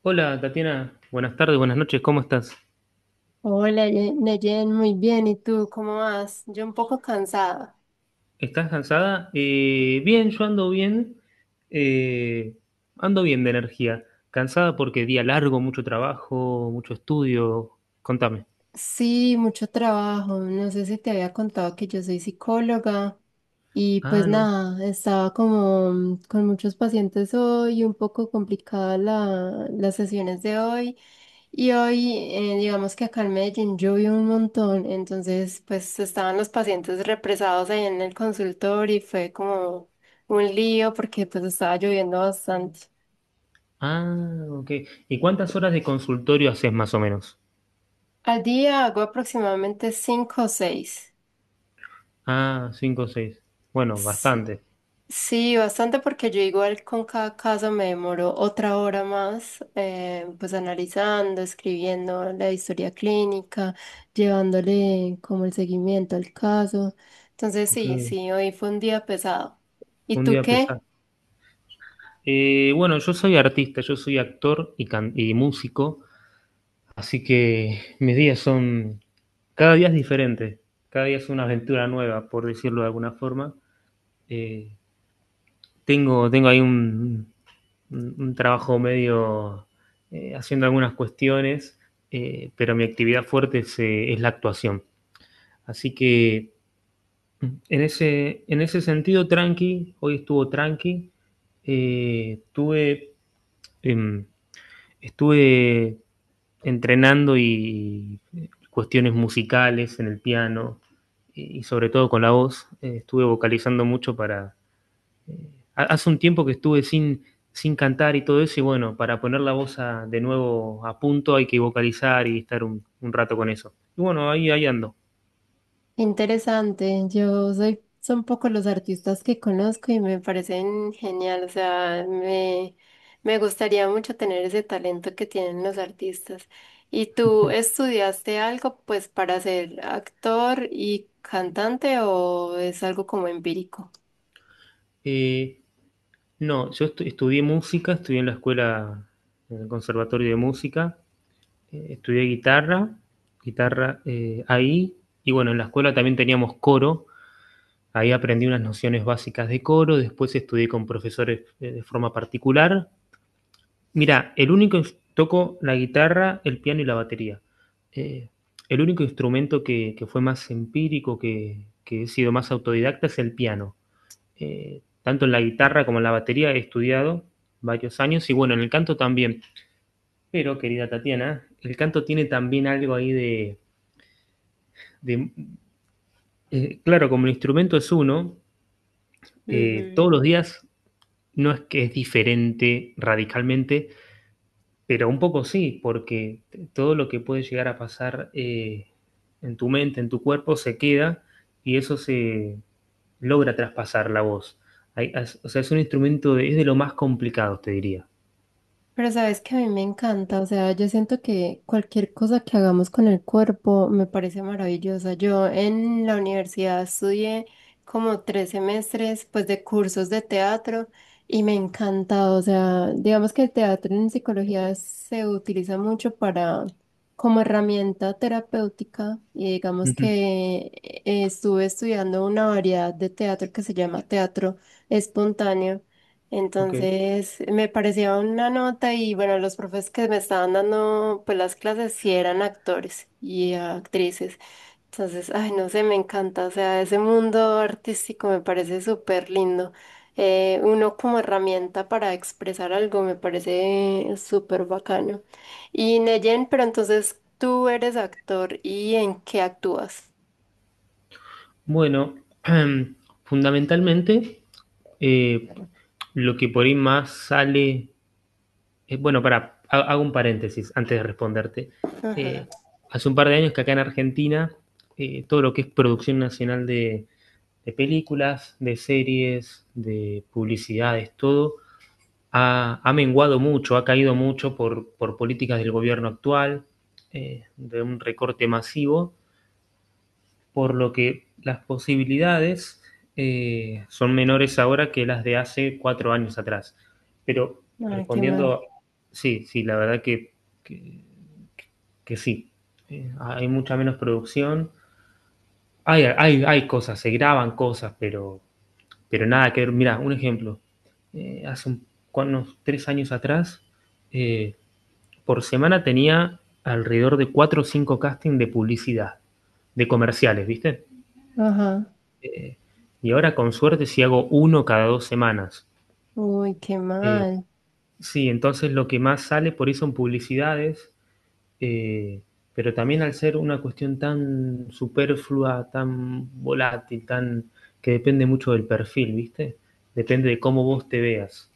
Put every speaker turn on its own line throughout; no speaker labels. Hola, Tatiana, buenas tardes, buenas noches, ¿cómo estás?
Hola, Neyen, muy bien. ¿Y tú cómo vas? Yo un poco cansada.
¿Estás cansada? Bien, yo eh, ando bien de energía. Cansada porque día largo, mucho trabajo, mucho estudio. Contame.
Sí, mucho trabajo. No sé si te había contado que yo soy psicóloga y pues
Ah, no.
nada, estaba como con muchos pacientes hoy, un poco complicada las sesiones de hoy. Y hoy, digamos que acá en Medellín llovió un montón, entonces pues estaban los pacientes represados ahí en el consultorio y fue como un lío porque pues estaba lloviendo bastante.
Ah, ok. ¿Y cuántas horas de consultorio haces más o menos?
Al día hago aproximadamente cinco o seis.
Ah, cinco o seis. Bueno,
Sí,
bastante.
sí, bastante porque yo igual con cada caso me demoro otra hora más, pues analizando, escribiendo la historia clínica, llevándole como el seguimiento al caso. Entonces
Ok,
sí, sí, hoy fue un día pesado. ¿Y
un
tú
día
qué?
pesado. Bueno, yo soy artista, yo soy actor y músico. Así que mis días son, cada día es diferente, cada día es una aventura nueva, por decirlo de alguna forma. Eh, tengo ahí un trabajo medio haciendo algunas cuestiones, pero mi actividad fuerte es la actuación. Así que en ese sentido, tranqui, hoy estuvo tranqui. Eh, tuve, em, estuve entrenando y cuestiones musicales en el piano y, sobre todo, con la voz. Estuve vocalizando mucho para... eh, hace un tiempo que estuve sin cantar y todo eso, y bueno, para poner la voz de nuevo a punto hay que vocalizar y estar un rato con eso. Y bueno, ahí ando.
Interesante, yo soy, son pocos los artistas que conozco y me parecen genial, o sea, me gustaría mucho tener ese talento que tienen los artistas. ¿Y tú estudiaste algo pues para ser actor y cantante o es algo como empírico?
Eh, no, yo estudié música, estudié en la escuela, en el conservatorio de música, estudié guitarra, ahí, y bueno, en la escuela también teníamos coro. Ahí aprendí unas nociones básicas de coro, después estudié con profesores de forma particular. Mira, el único toco la guitarra, el piano y la batería. Eh, el único instrumento que fue más empírico, que he sido más autodidacta, es el piano. Tanto en la guitarra como en la batería he estudiado varios años, y bueno, en el canto también. Pero, querida Tatiana, el canto tiene también algo ahí de... de- claro, como el instrumento es uno, todos los días no es que es diferente radicalmente, pero un poco sí, porque todo lo que puede llegar a pasar en tu mente, en tu cuerpo, se queda y eso se logra traspasar la voz. O sea, es un instrumento, de, es de lo más complicado, te diría.
Pero sabes que a mí me encanta, o sea, yo siento que cualquier cosa que hagamos con el cuerpo me parece maravillosa. Yo en la universidad estudié como tres semestres, pues, de cursos de teatro y me encanta, o sea, digamos que el teatro en psicología se utiliza mucho para como herramienta terapéutica y digamos
Ujú.
que estuve estudiando una variedad de teatro que se llama teatro espontáneo.
Ok.
Entonces me parecía una nota y bueno, los profes que me estaban dando pues las clases sí eran actores y actrices. Entonces, ay, no sé, me encanta, o sea, ese mundo artístico me parece súper lindo. Uno como herramienta para expresar algo me parece súper bacano. Y Neyen, pero entonces tú eres actor y ¿en qué actúas?
Bueno, fundamentalmente, eh, lo que por ahí más sale bueno, para, hago un paréntesis antes de responderte.
Ajá.
Eh, hace un par de años que acá en Argentina, todo lo que es producción nacional de películas, de series, de publicidades, todo, menguado mucho, ha caído mucho por políticas del gobierno actual, de un recorte masivo, por lo que las posibilidades son menores ahora que las de hace cuatro años atrás. Pero
Ay, qué mal.
respondiendo, sí, sí, la verdad que, que sí. Hay mucha menos producción. Hay hay cosas, se graban cosas, pero nada que ver. Mira, un ejemplo. Eh, hace un, unos tres años atrás, eh, por semana tenía alrededor de cuatro o cinco castings de publicidad, de comerciales, ¿viste?
Ajá.
Eh, y ahora con suerte si hago uno cada dos semanas.
Uy, qué
Eh,
mal.
sí, entonces lo que más sale por eso en publicidades, eh, pero también al ser una cuestión tan superflua, tan volátil, tan que depende mucho del perfil, ¿viste? Depende de cómo vos te veas.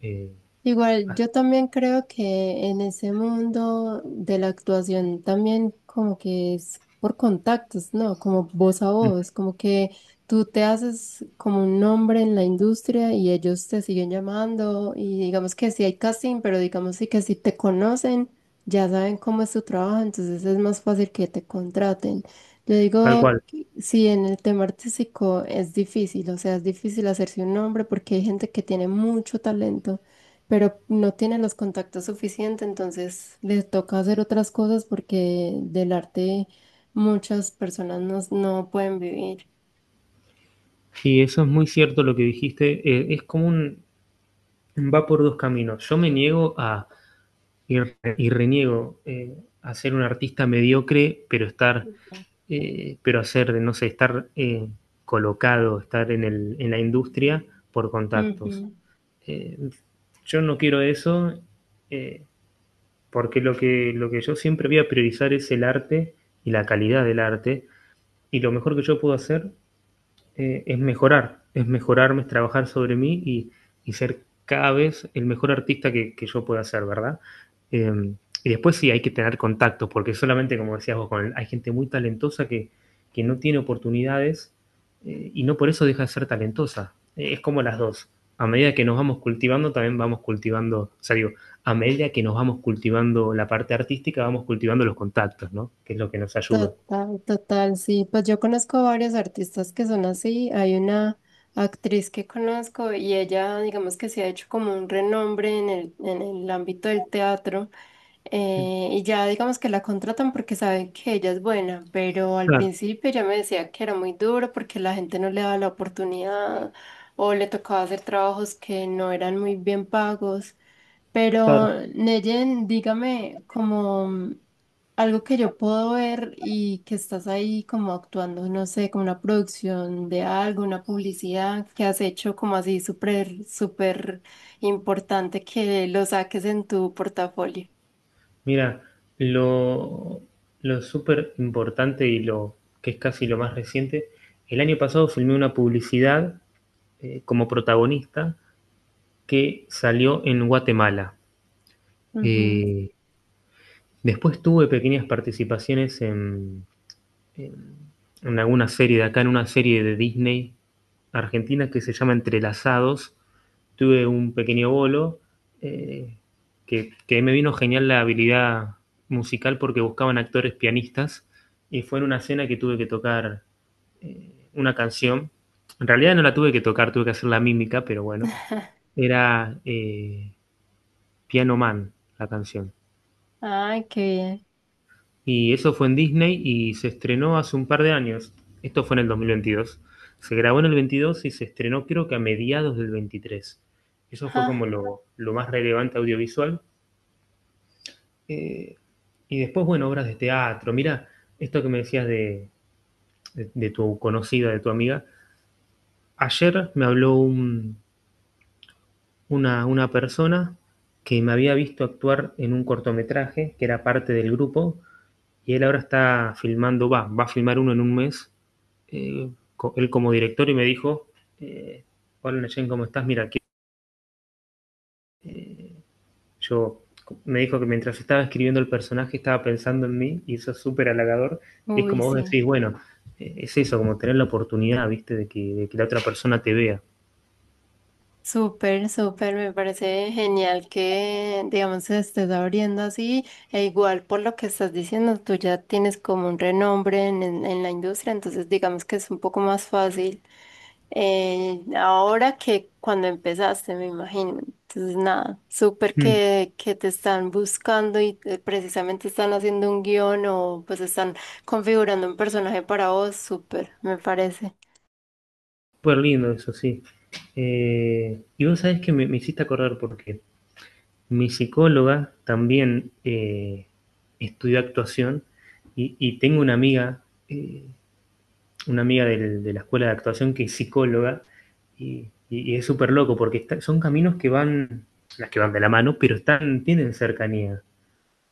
Eh,
Igual,
ah,
yo también creo que en ese mundo de la actuación también como que es por contactos, ¿no? Como voz a voz, como que tú te haces como un nombre en la industria y ellos te siguen llamando y digamos que sí hay casting, pero digamos sí que si te conocen, ya saben cómo es tu trabajo, entonces es más fácil que te contraten. Yo
tal
digo,
cual.
que sí, en el tema artístico es difícil, o sea, es difícil hacerse un nombre porque hay gente que tiene mucho talento pero no tiene los contactos suficientes, entonces le toca hacer otras cosas porque del arte muchas personas no pueden vivir.
Y eso es muy cierto lo que dijiste. Es como un... va por dos caminos. Yo me niego a... y reniego a ser un artista mediocre, pero estar pero hacer, no sé, estar colocado, estar en la industria por contactos.
Ujú.
Eh, yo no quiero eso eh, porque lo que yo siempre voy a priorizar es el arte y la calidad del arte, y lo mejor que yo puedo hacer es mejorar, es mejorarme, es trabajar sobre mí y ser cada vez el mejor artista que yo pueda ser, ¿verdad? Eh, y después sí hay que tener contactos, porque solamente, como decías vos, con el, hay gente muy talentosa que no tiene oportunidades y no por eso deja de ser talentosa. Es como las dos. A medida que nos vamos cultivando, también vamos cultivando, o sea, digo, a medida que nos vamos cultivando la parte artística, vamos cultivando los contactos, ¿no? Que es lo que nos ayuda.
Total, total, sí. Pues yo conozco varios artistas que son así. Hay una actriz que conozco y ella, digamos que se ha hecho como un renombre en en el ámbito del teatro. Y ya digamos que la contratan porque saben que ella es buena, pero al
Claro,
principio ella me decía que era muy duro porque la gente no le daba la oportunidad o le tocaba hacer trabajos que no eran muy bien pagos. Pero,
claro.
Neyen, dígame, como... Algo que yo puedo ver y que estás ahí como actuando, no sé, como una producción de algo, una publicidad que has hecho como así súper, súper importante que lo saques en tu portafolio.
Mira, lo, lo súper importante y lo que es casi lo más reciente, el año pasado filmé una publicidad como protagonista que salió en Guatemala.
Ujú.
Eh, después tuve pequeñas participaciones en, en alguna serie de acá, en una serie de Disney argentina que se llama Entrelazados. Tuve un pequeño bolo eh, que me vino genial la habilidad musical porque buscaban actores pianistas y fue en una escena que tuve que tocar una canción. En realidad no la tuve que tocar, tuve que hacer la mímica, pero bueno, era Piano Man la canción.
Ay, qué bien.
Y eso fue en Disney y se estrenó hace un par de años. Esto fue en el 2022. Se grabó en el 22 y se estrenó creo que a mediados del 23. Eso fue como
Ja,
lo más relevante audiovisual. Eh, y después, bueno, obras de teatro. Mira, esto que me decías tu conocida, de tu amiga. Ayer me habló una persona que me había visto actuar en un cortometraje que era parte del grupo, y él ahora está filmando, va a filmar uno en un mes eh, él como director, y me dijo, eh, hola Neyen, ¿cómo estás? Mira, que, eh, yo me dijo que mientras estaba escribiendo el personaje estaba pensando en mí, y eso es súper halagador. Y es
uy,
como vos
sí.
decís, bueno, es eso, como tener la oportunidad, viste, de que la otra persona te vea.
Súper, súper, me parece genial que, digamos, se estés abriendo así, e igual por lo que estás diciendo, tú ya tienes como un renombre en, en la industria, entonces digamos que es un poco más fácil ahora que cuando empezaste, me imagino. Entonces, nada, súper
Mm.
que te están buscando y precisamente están haciendo un guión o pues están configurando un personaje para vos, súper, me parece.
Súper lindo eso, sí. Y vos sabés que me hiciste acordar porque mi psicóloga también estudió actuación y tengo una amiga de la escuela de actuación que es psicóloga y es súper loco porque son caminos que van, las que van de la mano, pero están, tienen cercanía.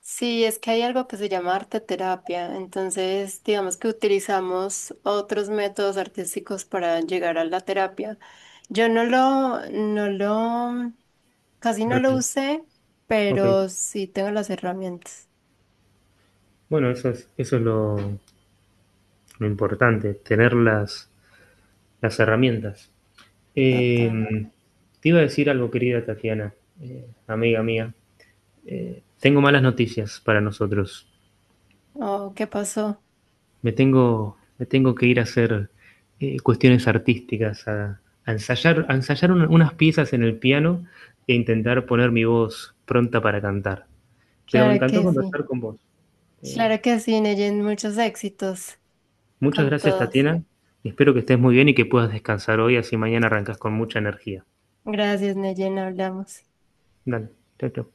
Sí, es que hay algo que se llama arte terapia, entonces digamos que utilizamos otros métodos artísticos para llegar a la terapia. Yo no no casi no lo usé,
Ok,
pero sí tengo las herramientas.
bueno, eso es lo importante, tener las herramientas. Eh,
Total.
te iba a decir algo, querida Tatiana, amiga mía. Tengo malas noticias para nosotros.
Oh, ¿qué pasó?
Me tengo que ir a hacer cuestiones artísticas, a ensayar unas piezas en el piano e intentar poner mi voz pronta para cantar. Pero me
Claro
encantó
que sí.
conversar con vos. Eh,
Claro que sí, Neyen, muchos éxitos
muchas
con
gracias,
todos.
Tatiana. Espero que estés muy bien y que puedas descansar hoy, así mañana arrancas con mucha energía.
Gracias, Neyen, hablamos.
Dale, chao, chao.